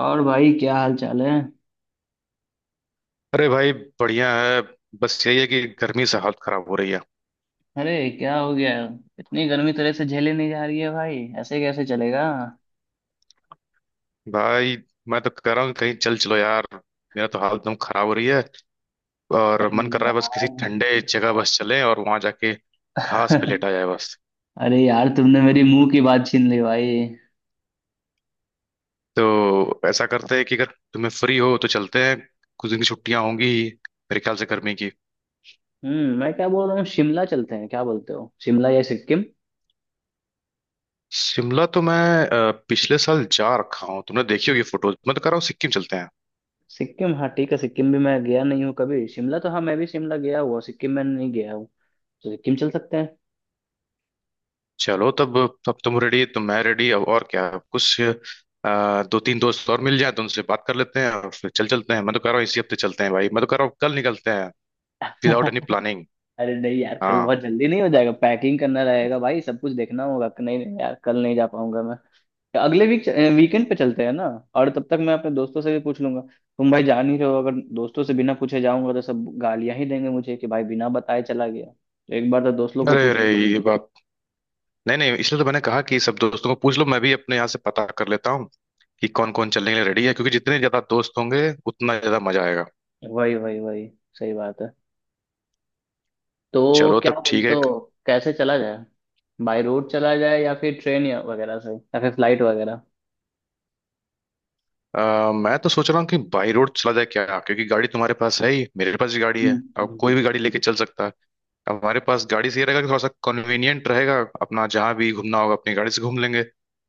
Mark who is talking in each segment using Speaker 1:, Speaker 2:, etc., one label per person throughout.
Speaker 1: और भाई क्या हाल चाल है?
Speaker 2: अरे भाई। बढ़िया है। बस यही है कि गर्मी से हालत खराब हो रही है।
Speaker 1: अरे क्या हो गया? इतनी गर्मी तरह से झेले नहीं जा रही है भाई, ऐसे कैसे चलेगा?
Speaker 2: भाई मैं तो कह रहा हूँ कहीं चल चलो यार। मेरा तो हालत एकदम खराब हो रही है। और
Speaker 1: अरे
Speaker 2: मन कर रहा है बस किसी
Speaker 1: यार।
Speaker 2: ठंडे जगह बस चले और वहां जाके घास पे लेटा जाए बस।
Speaker 1: अरे यार, तुमने मेरी मुंह की बात छीन ली भाई।
Speaker 2: तो ऐसा करते हैं कि अगर तुम्हें फ्री हो तो चलते हैं। कुछ दिन की छुट्टियां होंगी ही, मेरे ख्याल से गर्मी की।
Speaker 1: हम्म, मैं क्या बोल रहा हूँ, शिमला चलते हैं, क्या बोलते हो, शिमला या सिक्किम?
Speaker 2: शिमला तो मैं पिछले साल जा रखा हूँ, तुमने देखी होगी फोटोज। मैं तो कह रहा हूँ सिक्किम चलते हैं।
Speaker 1: सिक्किम, हाँ ठीक है, सिक्किम भी मैं गया नहीं हूँ कभी। शिमला तो हाँ, मैं भी शिमला गया हुआ, सिक्किम में नहीं गया हूँ। तो सिक्किम चल सकते हैं।
Speaker 2: चलो तब। तब तुम रेडी तो मैं रेडी। अब और क्या, अब कुछ दो तीन दोस्त और मिल जाए तो उनसे बात कर लेते हैं और फिर चल चलते हैं। मैं तो कह रहा हूँ इसी हफ्ते चलते हैं भाई। मैं तो कह रहा हूँ कल निकलते हैं, विदाउट एनी प्लानिंग।
Speaker 1: अरे नहीं यार, कल
Speaker 2: हाँ।
Speaker 1: बहुत जल्दी नहीं हो जाएगा? पैकिंग करना रहेगा भाई, सब कुछ देखना होगा। नहीं नहीं यार, कल नहीं जा पाऊंगा मैं। अगले वीक वीकेंड पे चलते हैं ना। और तब तक मैं अपने दोस्तों से भी पूछ लूंगा। तुम भाई जान ही रहे हो, अगर दोस्तों से बिना पूछे जाऊंगा तो सब गालियां ही देंगे मुझे कि भाई बिना बताए चला गया। तो एक बार तो दोस्त लोग को
Speaker 2: अरे
Speaker 1: पूछ
Speaker 2: अरे
Speaker 1: लूं।
Speaker 2: ये बात। नहीं नहीं, इसलिए तो मैंने कहा कि सब दोस्तों को पूछ लो, मैं भी अपने यहाँ से पता कर लेता हूँ कि कौन कौन चलने के लिए रेडी है, क्योंकि जितने ज्यादा दोस्त होंगे उतना ज्यादा मजा आएगा।
Speaker 1: वही वही वही, सही बात है। तो
Speaker 2: चलो
Speaker 1: क्या
Speaker 2: तब ठीक
Speaker 1: बोलते
Speaker 2: है।
Speaker 1: हो, कैसे चला जाए? बाय रोड चला जाए या फिर ट्रेन या वगैरह से या फिर फ्लाइट वगैरह?
Speaker 2: मैं तो सोच रहा हूँ कि बाई रोड चला जाए क्या, क्योंकि गाड़ी तुम्हारे पास है ही, मेरे पास भी गाड़ी
Speaker 1: हम्म
Speaker 2: है,
Speaker 1: हम्म,
Speaker 2: अब
Speaker 1: हम्म।
Speaker 2: कोई भी गाड़ी लेके चल सकता है। हमारे पास गाड़ी से ये रहेगा कि थोड़ा सा कन्वीनियंट रहेगा अपना, जहाँ भी घूमना होगा अपनी गाड़ी से घूम लेंगे।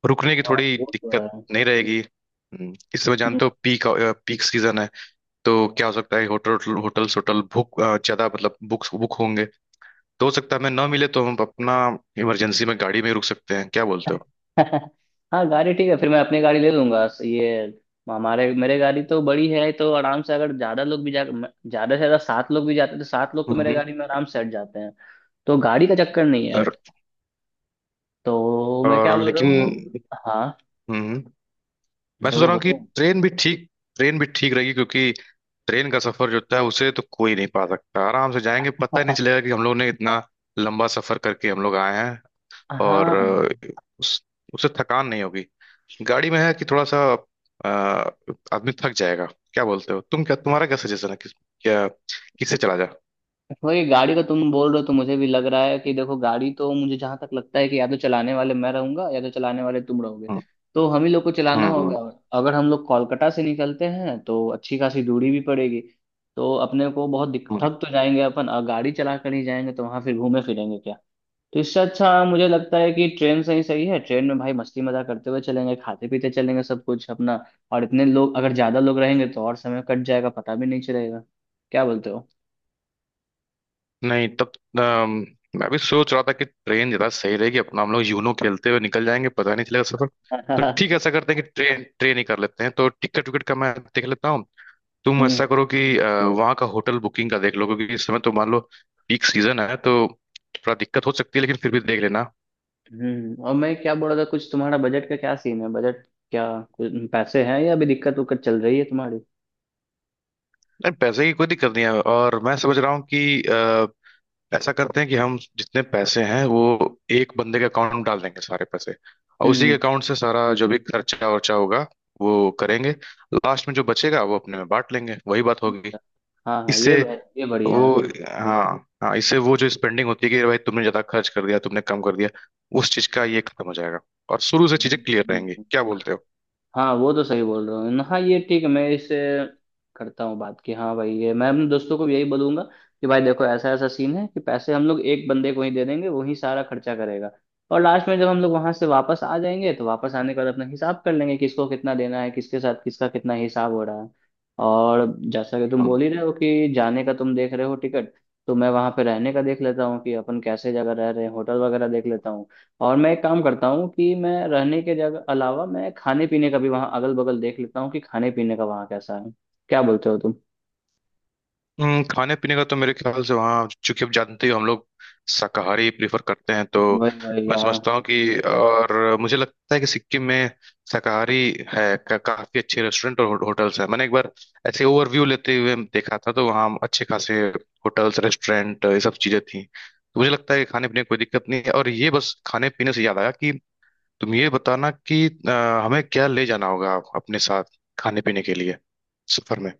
Speaker 2: रुकने की
Speaker 1: हाँ
Speaker 2: थोड़ी
Speaker 1: वो
Speaker 2: दिक्कत
Speaker 1: तो
Speaker 2: नहीं रहेगी। इस समय
Speaker 1: है।
Speaker 2: जानते हो पीक पीक सीजन है। तो क्या हो सकता है होटल बुक ज्यादा, मतलब बुक बुक होंगे। तो हो सकता है हमें ना मिले तो हम अपना इमरजेंसी में गाड़ी में ही रुक सकते हैं, क्या बोलते हो।
Speaker 1: हाँ, गाड़ी ठीक है, फिर मैं अपनी गाड़ी ले लूंगा। ये हमारे मेरे गाड़ी तो बड़ी है, तो आराम से अगर ज्यादा लोग भी जा, ज्यादा से ज्यादा सात लोग भी जाते हैं तो सात लोग तो मेरे
Speaker 2: हम्म।
Speaker 1: गाड़ी में आराम से हट जाते हैं। तो गाड़ी का चक्कर नहीं है।
Speaker 2: और,
Speaker 1: तो मैं क्या
Speaker 2: और
Speaker 1: बोल रहा
Speaker 2: लेकिन
Speaker 1: हूँ। हाँ,
Speaker 2: हम्म, मैं सोच
Speaker 1: बोलो
Speaker 2: रहा हूँ कि
Speaker 1: बोलो।
Speaker 2: ट्रेन भी ठीक रहेगी, क्योंकि ट्रेन का सफर जो होता है उसे तो कोई नहीं पा सकता। आराम से जाएंगे, पता ही नहीं चलेगा कि हम लोग ने इतना लंबा सफर करके हम लोग आए हैं। और
Speaker 1: हाँ,
Speaker 2: अ, उस उससे थकान नहीं होगी। गाड़ी में है कि थोड़ा सा अ, आदमी थक जाएगा। क्या बोलते हो तुम, क्या तुम्हारा क्या सजेशन है, क्या किससे चला जाए।
Speaker 1: वही गाड़ी का तुम बोल रहे हो तो मुझे भी लग रहा है कि देखो, गाड़ी तो मुझे जहां तक लगता है कि या तो चलाने वाले मैं रहूंगा या तो चलाने वाले तुम रहोगे।
Speaker 2: हम्म
Speaker 1: तो हम ही लोग को चलाना होगा,
Speaker 2: हम्म
Speaker 1: और अगर हम लोग कोलकाता से निकलते हैं तो अच्छी खासी दूरी भी पड़ेगी। तो अपने को बहुत
Speaker 2: हम्म।
Speaker 1: थक तो जाएंगे अपन, और गाड़ी चला कर ही जाएंगे तो वहां फिर घूमे फिरेंगे क्या। तो इससे अच्छा मुझे लगता है कि ट्रेन से ही सही है। ट्रेन में भाई मस्ती मजाक करते हुए चलेंगे, खाते पीते चलेंगे सब कुछ अपना। और इतने लोग अगर ज्यादा लोग रहेंगे तो और समय कट जाएगा, पता भी नहीं चलेगा। क्या बोलते हो?
Speaker 2: नहीं तब अम, मैं भी सोच रहा था कि ट्रेन ज्यादा सही रहेगी, अपना हम लोग यूनो खेलते हुए निकल जाएंगे, पता नहीं चलेगा सफर। तो ठीक है ऐसा करते हैं कि ट्रेन ट्रेन ही कर लेते हैं, तो टिकट विकट का मैं देख लेता हूँ। तुम
Speaker 1: हम्म
Speaker 2: ऐसा करो कि वहाँ का होटल बुकिंग का देख लो, क्योंकि इस समय तो मान लो पीक सीजन है, तो थोड़ा दिक्कत हो सकती है लेकिन फिर भी देख लेना।
Speaker 1: हम्म। और मैं क्या बोल रहा था, कुछ तुम्हारा बजट का क्या सीन है, बजट क्या, कुछ पैसे हैं या अभी दिक्कत उक्कत चल रही है तुम्हारी?
Speaker 2: नहीं पैसे की कोई दिक्कत नहीं है, और मैं समझ रहा हूँ कि ऐसा करते हैं कि हम जितने पैसे हैं वो एक बंदे के अकाउंट में डाल देंगे सारे पैसे, और उसी के
Speaker 1: हम्म।
Speaker 2: अकाउंट से सारा जो भी खर्चा वर्चा होगा वो करेंगे। लास्ट में जो बचेगा वो अपने में बांट लेंगे, वही बात होगी।
Speaker 1: हाँ हाँ,
Speaker 2: इससे
Speaker 1: ये बढ़िया है।
Speaker 2: वो हाँ, हाँ इससे वो जो स्पेंडिंग होती है कि भाई तुमने ज्यादा खर्च कर दिया, तुमने कम कर दिया, उस चीज का ये खत्म हो जाएगा और शुरू से
Speaker 1: हम्म,
Speaker 2: चीजें क्लियर रहेंगी,
Speaker 1: हम्म।
Speaker 2: क्या बोलते
Speaker 1: हाँ वो तो सही बोल रहे हो न, हाँ ये ठीक है, मैं इससे करता हूँ बात कि हाँ भाई, ये मैं अपने दोस्तों को भी यही बोलूंगा कि भाई देखो, ऐसा ऐसा सीन है कि पैसे हम लोग एक बंदे को ही दे देंगे, वही सारा खर्चा करेगा। और लास्ट में जब हम लोग वहां से वापस आ जाएंगे तो वापस आने के बाद अपना हिसाब कर लेंगे, किसको कितना देना है, किसके साथ किसका कितना हिसाब हो रहा है। और जैसा कि तुम
Speaker 2: हो।
Speaker 1: बोल ही रहे हो कि जाने का तुम देख रहे हो टिकट, तो मैं वहां पे रहने का देख लेता हूँ कि अपन कैसे जगह रह रहे हैं, होटल वगैरह देख लेता हूँ। और मैं एक काम करता हूँ कि मैं रहने के जगह अलावा मैं खाने पीने का भी वहाँ अगल बगल देख लेता हूँ कि खाने पीने का वहाँ कैसा है। क्या बोलते हो तुम?
Speaker 2: खाने पीने का तो मेरे ख्याल से वहाँ, चूंकि आप जानते हो हम लोग शाकाहारी प्रेफर करते हैं, तो
Speaker 1: वही वही
Speaker 2: मैं
Speaker 1: यार।
Speaker 2: समझता हूँ कि और मुझे लगता है कि सिक्किम में शाकाहारी काफी अच्छे रेस्टोरेंट और होटल्स हैं। मैंने एक बार ऐसे ओवरव्यू लेते हुए देखा था तो वहाँ अच्छे खासे होटल्स रेस्टोरेंट ये सब चीजें थी, तो मुझे लगता है कि खाने पीने की कोई दिक्कत नहीं है। और ये बस खाने पीने से याद आया कि तुम ये बताना कि हमें क्या ले जाना होगा अपने साथ खाने पीने के लिए सफर में।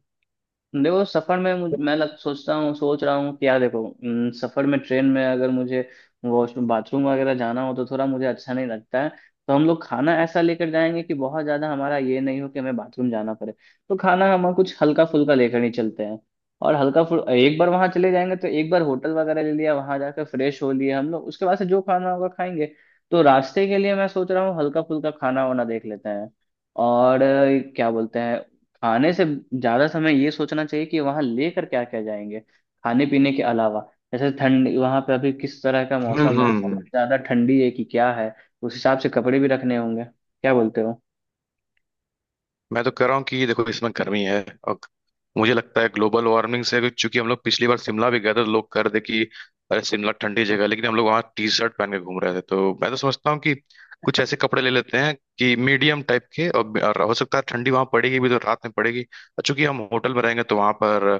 Speaker 1: देखो सफर में सोचता हूँ, सोच रहा हूँ कि यार देखो, सफर में ट्रेन में अगर मुझे वॉशरूम बाथरूम वगैरह जाना हो तो थोड़ा मुझे अच्छा नहीं लगता है। तो हम लोग खाना ऐसा लेकर जाएंगे कि बहुत ज्यादा हमारा ये नहीं हो कि हमें बाथरूम जाना पड़े। तो खाना हम कुछ हल्का फुल्का लेकर ही चलते हैं। और हल्का फुल, एक बार वहां चले जाएंगे तो एक बार होटल वगैरह ले लिया, वहां जाकर फ्रेश हो लिए हम लोग, उसके बाद से जो खाना होगा खाएंगे। तो रास्ते के लिए मैं सोच रहा हूँ हल्का फुल्का खाना वाना देख लेते हैं। और क्या बोलते हैं, आने से ज्यादा समय ये सोचना चाहिए कि वहां लेकर क्या क्या जाएंगे खाने पीने के अलावा। जैसे ठंडी वहां पे अभी किस तरह का
Speaker 2: हम्म
Speaker 1: मौसम है, बहुत
Speaker 2: हम्म
Speaker 1: ज्यादा ठंडी है कि क्या है, उस हिसाब से कपड़े भी रखने होंगे। क्या बोलते हो?
Speaker 2: मैं तो कह रहा हूँ कि ये देखो इसमें गर्मी है, और मुझे लगता है ग्लोबल वार्मिंग से, क्योंकि हम लोग पिछली बार शिमला भी गए थे तो लोग कह रहे थे कि अरे शिमला ठंडी जगह है, लेकिन हम लोग वहाँ टी शर्ट पहन के घूम रहे थे, तो मैं तो समझता हूँ कि कुछ ऐसे कपड़े ले लेते हैं कि मीडियम टाइप के, और हो सकता है ठंडी वहाँ पड़ेगी भी तो रात में पड़ेगी, और चूंकि हम होटल में रहेंगे तो वहाँ पर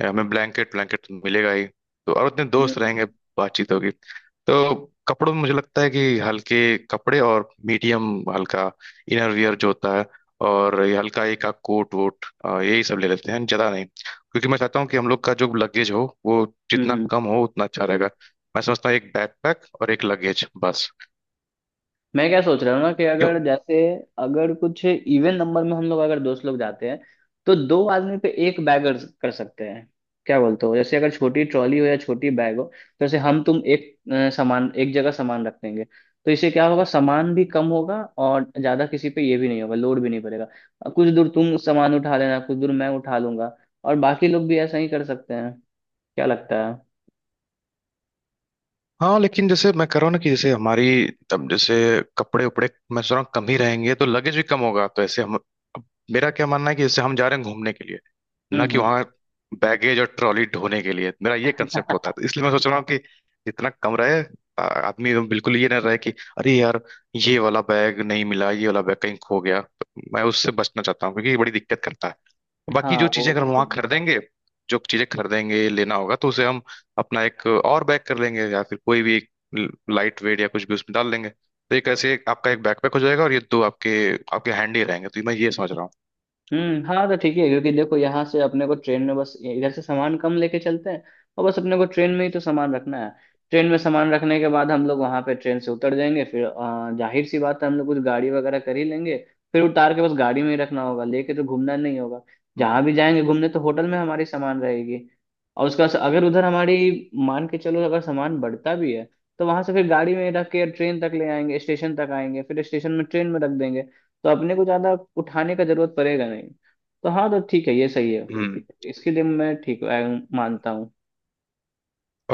Speaker 2: हमें ब्लैंकेट ब्लैंकेट तो मिलेगा ही, तो और उतने दोस्त रहेंगे
Speaker 1: हम्म
Speaker 2: बातचीत होगी। तो कपड़ों में मुझे लगता है कि हल्के कपड़े और मीडियम हल्का इनर वियर जो होता है, और ये हल्का एक का कोट वोट यही सब ले लेते हैं ज्यादा नहीं, क्योंकि मैं चाहता हूँ कि हम लोग का जो लगेज हो वो जितना
Speaker 1: हम्म।
Speaker 2: कम हो उतना अच्छा रहेगा। मैं समझता हूँ एक बैकपैक और एक लगेज बस।
Speaker 1: मैं क्या सोच रहा हूँ ना, कि
Speaker 2: क्यों।
Speaker 1: अगर जैसे अगर कुछ इवन नंबर में हम लोग अगर दोस्त लोग जाते हैं तो दो आदमी पे एक बैग कर कर सकते हैं। क्या बोलते हो, जैसे अगर छोटी ट्रॉली हो या छोटी बैग हो तो जैसे हम तुम एक सामान, एक जगह सामान रख देंगे तो इससे क्या होगा, सामान भी कम होगा और ज्यादा किसी पे ये भी नहीं होगा, लोड भी नहीं पड़ेगा। कुछ दूर तुम सामान उठा लेना, कुछ दूर मैं उठा लूंगा। और बाकी लोग भी ऐसा ही कर सकते हैं। क्या लगता है?
Speaker 2: हाँ लेकिन जैसे मैं कह रहा हूँ ना कि जैसे हमारी तब जैसे कपड़े उपड़े मैं सोच रहा हूँ कम ही रहेंगे तो लगेज भी कम होगा, तो ऐसे हम अब मेरा क्या मानना है कि जैसे हम जा रहे हैं घूमने के लिए, ना कि
Speaker 1: हम्म।
Speaker 2: वहाँ बैगेज और ट्रॉली ढोने के लिए। मेरा ये कंसेप्ट होता है, तो इसलिए मैं सोच रहा हूँ कि जितना कम रहे। आदमी एकदम बिल्कुल ये ना रहे कि अरे यार ये वाला बैग नहीं मिला, ये वाला बैग कहीं खो गया। तो मैं उससे बचना चाहता हूँ क्योंकि ये बड़ी दिक्कत करता है। बाकी
Speaker 1: हाँ
Speaker 2: जो चीजें
Speaker 1: वो
Speaker 2: अगर
Speaker 1: भी
Speaker 2: हम वहां
Speaker 1: सही है।
Speaker 2: खरीदेंगे जो चीजें खरीदेंगे लेना होगा तो उसे हम अपना एक और बैग कर लेंगे, या फिर कोई भी एक लाइट वेट या कुछ भी उसमें डाल लेंगे, तो एक ऐसे एक आपका एक बैकपैक हो जाएगा और ये दो आपके आपके हैंडी रहेंगे, तो मैं ये समझ रहा हूँ।
Speaker 1: हम्म, हाँ तो ठीक है। क्योंकि देखो, यहाँ से अपने को ट्रेन में बस इधर से सामान कम लेके चलते हैं, और बस अपने को ट्रेन में ही तो सामान रखना है। ट्रेन में सामान रखने के बाद हम लोग वहाँ पे ट्रेन से उतर जाएंगे, फिर जाहिर सी बात है हम लोग कुछ गाड़ी वगैरह कर ही लेंगे। फिर उतार के बस गाड़ी में ही रखना होगा, लेके तो घूमना नहीं होगा।
Speaker 2: हम्म
Speaker 1: जहाँ भी जाएंगे घूमने, तो होटल में हमारी सामान रहेगी। और उसका अगर उधर हमारी मान के चलो अगर सामान बढ़ता भी है तो वहां से फिर गाड़ी में रख के ट्रेन तक ले आएंगे, स्टेशन तक आएंगे, फिर स्टेशन में ट्रेन में रख देंगे। तो अपने को ज्यादा उठाने का जरूरत पड़ेगा नहीं। तो हाँ, तो ठीक है, ये सही है।
Speaker 2: हम्म।
Speaker 1: इसके लिए मैं ठीक मानता हूँ।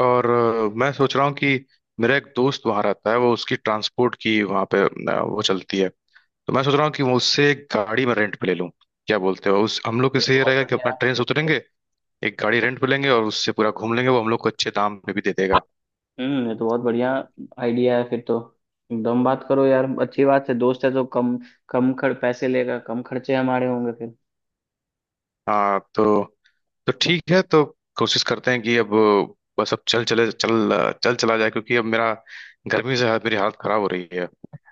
Speaker 2: और मैं सोच रहा हूँ कि मेरा एक दोस्त वहां रहता है, वो उसकी ट्रांसपोर्ट की वहां पे वो चलती है, तो मैं सोच रहा हूँ कि वो उससे एक गाड़ी मैं रेंट पे ले लूँ। क्या बोलते हो, उस हम लोग के
Speaker 1: अरे
Speaker 2: से ये
Speaker 1: बहुत
Speaker 2: रहेगा कि अपना
Speaker 1: बढ़िया।
Speaker 2: ट्रेन से उतरेंगे, एक गाड़ी रेंट पे लेंगे और उससे पूरा घूम लेंगे, वो हम लोग को अच्छे दाम पे भी दे देगा।
Speaker 1: हम्म, ये तो बहुत बढ़िया आइडिया है फिर तो। एकदम बात करो यार, अच्छी बात है, दोस्त है तो कम कम खर्च, पैसे लेगा कम, खर्चे हमारे होंगे फिर।
Speaker 2: हाँ तो ठीक है तो कोशिश करते हैं कि अब बस अब चल चले चल चल चला जाए, क्योंकि अब मेरा गर्मी से मेरी हालत खराब हो रही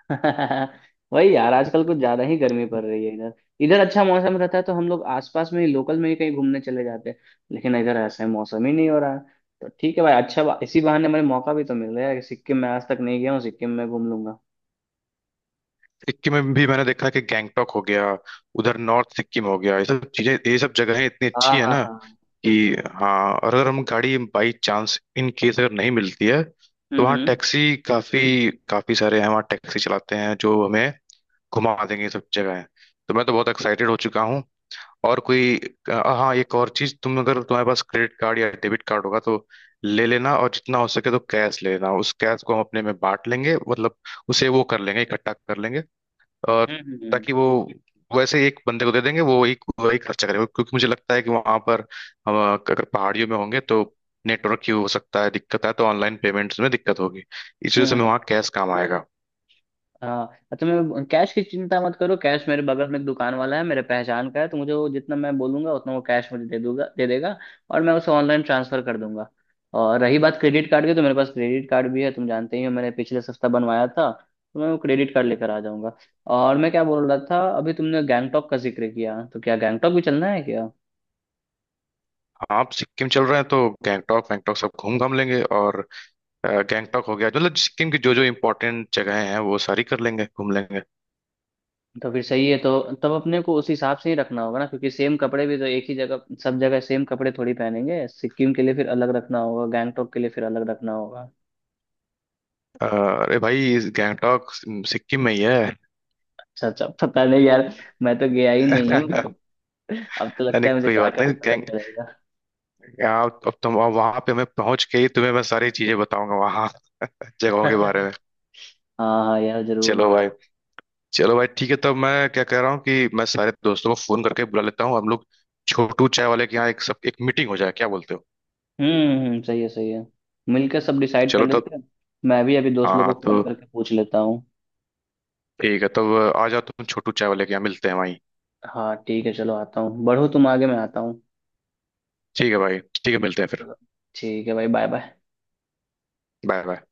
Speaker 1: वही यार, आजकल कुछ ज्यादा ही गर्मी
Speaker 2: है।
Speaker 1: पड़ रही है इधर। इधर अच्छा मौसम रहता है तो हम लोग आसपास में ही लोकल में ही कहीं घूमने चले जाते हैं, लेकिन इधर ऐसा ही मौसम ही नहीं हो रहा है। तो ठीक है भाई, अच्छा, इसी बहाने मुझे मौका भी तो मिल रहा है कि सिक्किम में आज तक नहीं गया हूँ, सिक्किम में घूम लूंगा।
Speaker 2: सिक्किम में भी मैंने देखा है कि गैंगटॉक हो गया, उधर नॉर्थ सिक्किम हो गया, ये सब चीजें ये सब जगहें इतनी
Speaker 1: हाँ
Speaker 2: अच्छी है
Speaker 1: हाँ
Speaker 2: ना
Speaker 1: हाँ।
Speaker 2: कि। हाँ और अगर हम गाड़ी बाई चांस इन केस अगर नहीं मिलती है तो वहाँ
Speaker 1: हम्म।
Speaker 2: टैक्सी काफी काफी सारे हैं, वहाँ टैक्सी चलाते हैं जो हमें घुमा देंगे ये सब जगहें। तो मैं तो बहुत एक्साइटेड हो चुका हूँ। और कोई अ, हाँ एक और चीज, तुम अगर तुम्हारे पास क्रेडिट कार्ड या डेबिट कार्ड होगा तो ले लेना, और जितना हो सके तो कैश ले लेना। उस कैश को हम अपने में बांट लेंगे, मतलब उसे वो कर लेंगे इकट्ठा कर लेंगे, और
Speaker 1: हम्म।
Speaker 2: ताकि वो वैसे ही एक बंदे को दे देंगे, वो एक वही खर्चा करेगा, क्योंकि मुझे लगता है कि वहां पर हम अगर पहाड़ियों में होंगे तो नेटवर्क की हो सकता है दिक्कत है, तो ऑनलाइन पेमेंट्स में दिक्कत होगी, इस वजह से हमें
Speaker 1: हम्म,
Speaker 2: वहाँ कैश काम आएगा।
Speaker 1: हाँ तुम्हें कैश की चिंता मत करो, कैश मेरे बगल में एक दुकान वाला है, मेरे पहचान का है, तो मुझे वो जितना मैं बोलूंगा उतना वो कैश मुझे दे देगा। और मैं उसे ऑनलाइन ट्रांसफर कर दूंगा। और रही बात क्रेडिट कार्ड की, तो मेरे पास क्रेडिट कार्ड भी है, तुम जानते ही हो मैंने पिछले सप्ताह बनवाया था। तो मैं वो क्रेडिट कार्ड लेकर आ जाऊंगा। और मैं क्या बोल रहा था, अभी तुमने गैंगटॉक का जिक्र किया, तो क्या गैंगटॉक भी चलना है क्या?
Speaker 2: आप सिक्किम चल रहे हैं तो गैंगटॉक वैंगटॉक सब घूम घाम लेंगे, और गैंगटॉक हो गया मतलब सिक्किम की जो जो इम्पोर्टेंट जगहें हैं वो सारी कर लेंगे घूम लेंगे।
Speaker 1: तो फिर सही है तो। तब अपने को उस हिसाब से ही रखना होगा ना, क्योंकि सेम कपड़े भी तो एक ही जगह, सब जगह सेम कपड़े थोड़ी पहनेंगे, सिक्किम के लिए फिर अलग रखना होगा, गैंगटोक के लिए फिर अलग रखना होगा।
Speaker 2: अरे भाई इस गैंगटॉक सिक्किम में ही है।
Speaker 1: अच्छा अच्छा, पता नहीं यार, मैं तो गया ही नहीं हूँ। अब तो
Speaker 2: नहीं
Speaker 1: लगता
Speaker 2: नहीं,
Speaker 1: है मुझे
Speaker 2: कोई बात
Speaker 1: जाकर
Speaker 2: नहीं
Speaker 1: ही पता
Speaker 2: गैंग
Speaker 1: चलेगा।
Speaker 2: या अब तुम अब वहां पे मैं पहुंच के ही तुम्हें मैं सारी चीजें बताऊंगा वहां जगहों के बारे में।
Speaker 1: हाँ हाँ यार जरूर।
Speaker 2: चलो भाई। चलो भाई ठीक है तब, मैं क्या कह रहा हूँ कि मैं सारे दोस्तों को फोन करके बुला लेता हूँ, हम लोग छोटू चाय वाले के यहाँ एक सब एक मीटिंग हो जाए, क्या बोलते हो।
Speaker 1: सही है सही है, मिलकर सब डिसाइड कर
Speaker 2: चलो तब।
Speaker 1: लेते हैं। मैं भी अभी दोस्त लोग को
Speaker 2: हाँ
Speaker 1: फोन
Speaker 2: तो
Speaker 1: करके पूछ लेता हूँ।
Speaker 2: ठीक है तब आ जाओ तुम, छोटू चाय वाले के यहाँ मिलते हैं वहीं।
Speaker 1: हाँ ठीक है, चलो आता हूँ, बढ़ो तुम आगे, मैं आता हूँ।
Speaker 2: ठीक है भाई, ठीक है मिलते हैं फिर।
Speaker 1: चलो, ठीक है भाई, बाय बाय।
Speaker 2: Bye bye.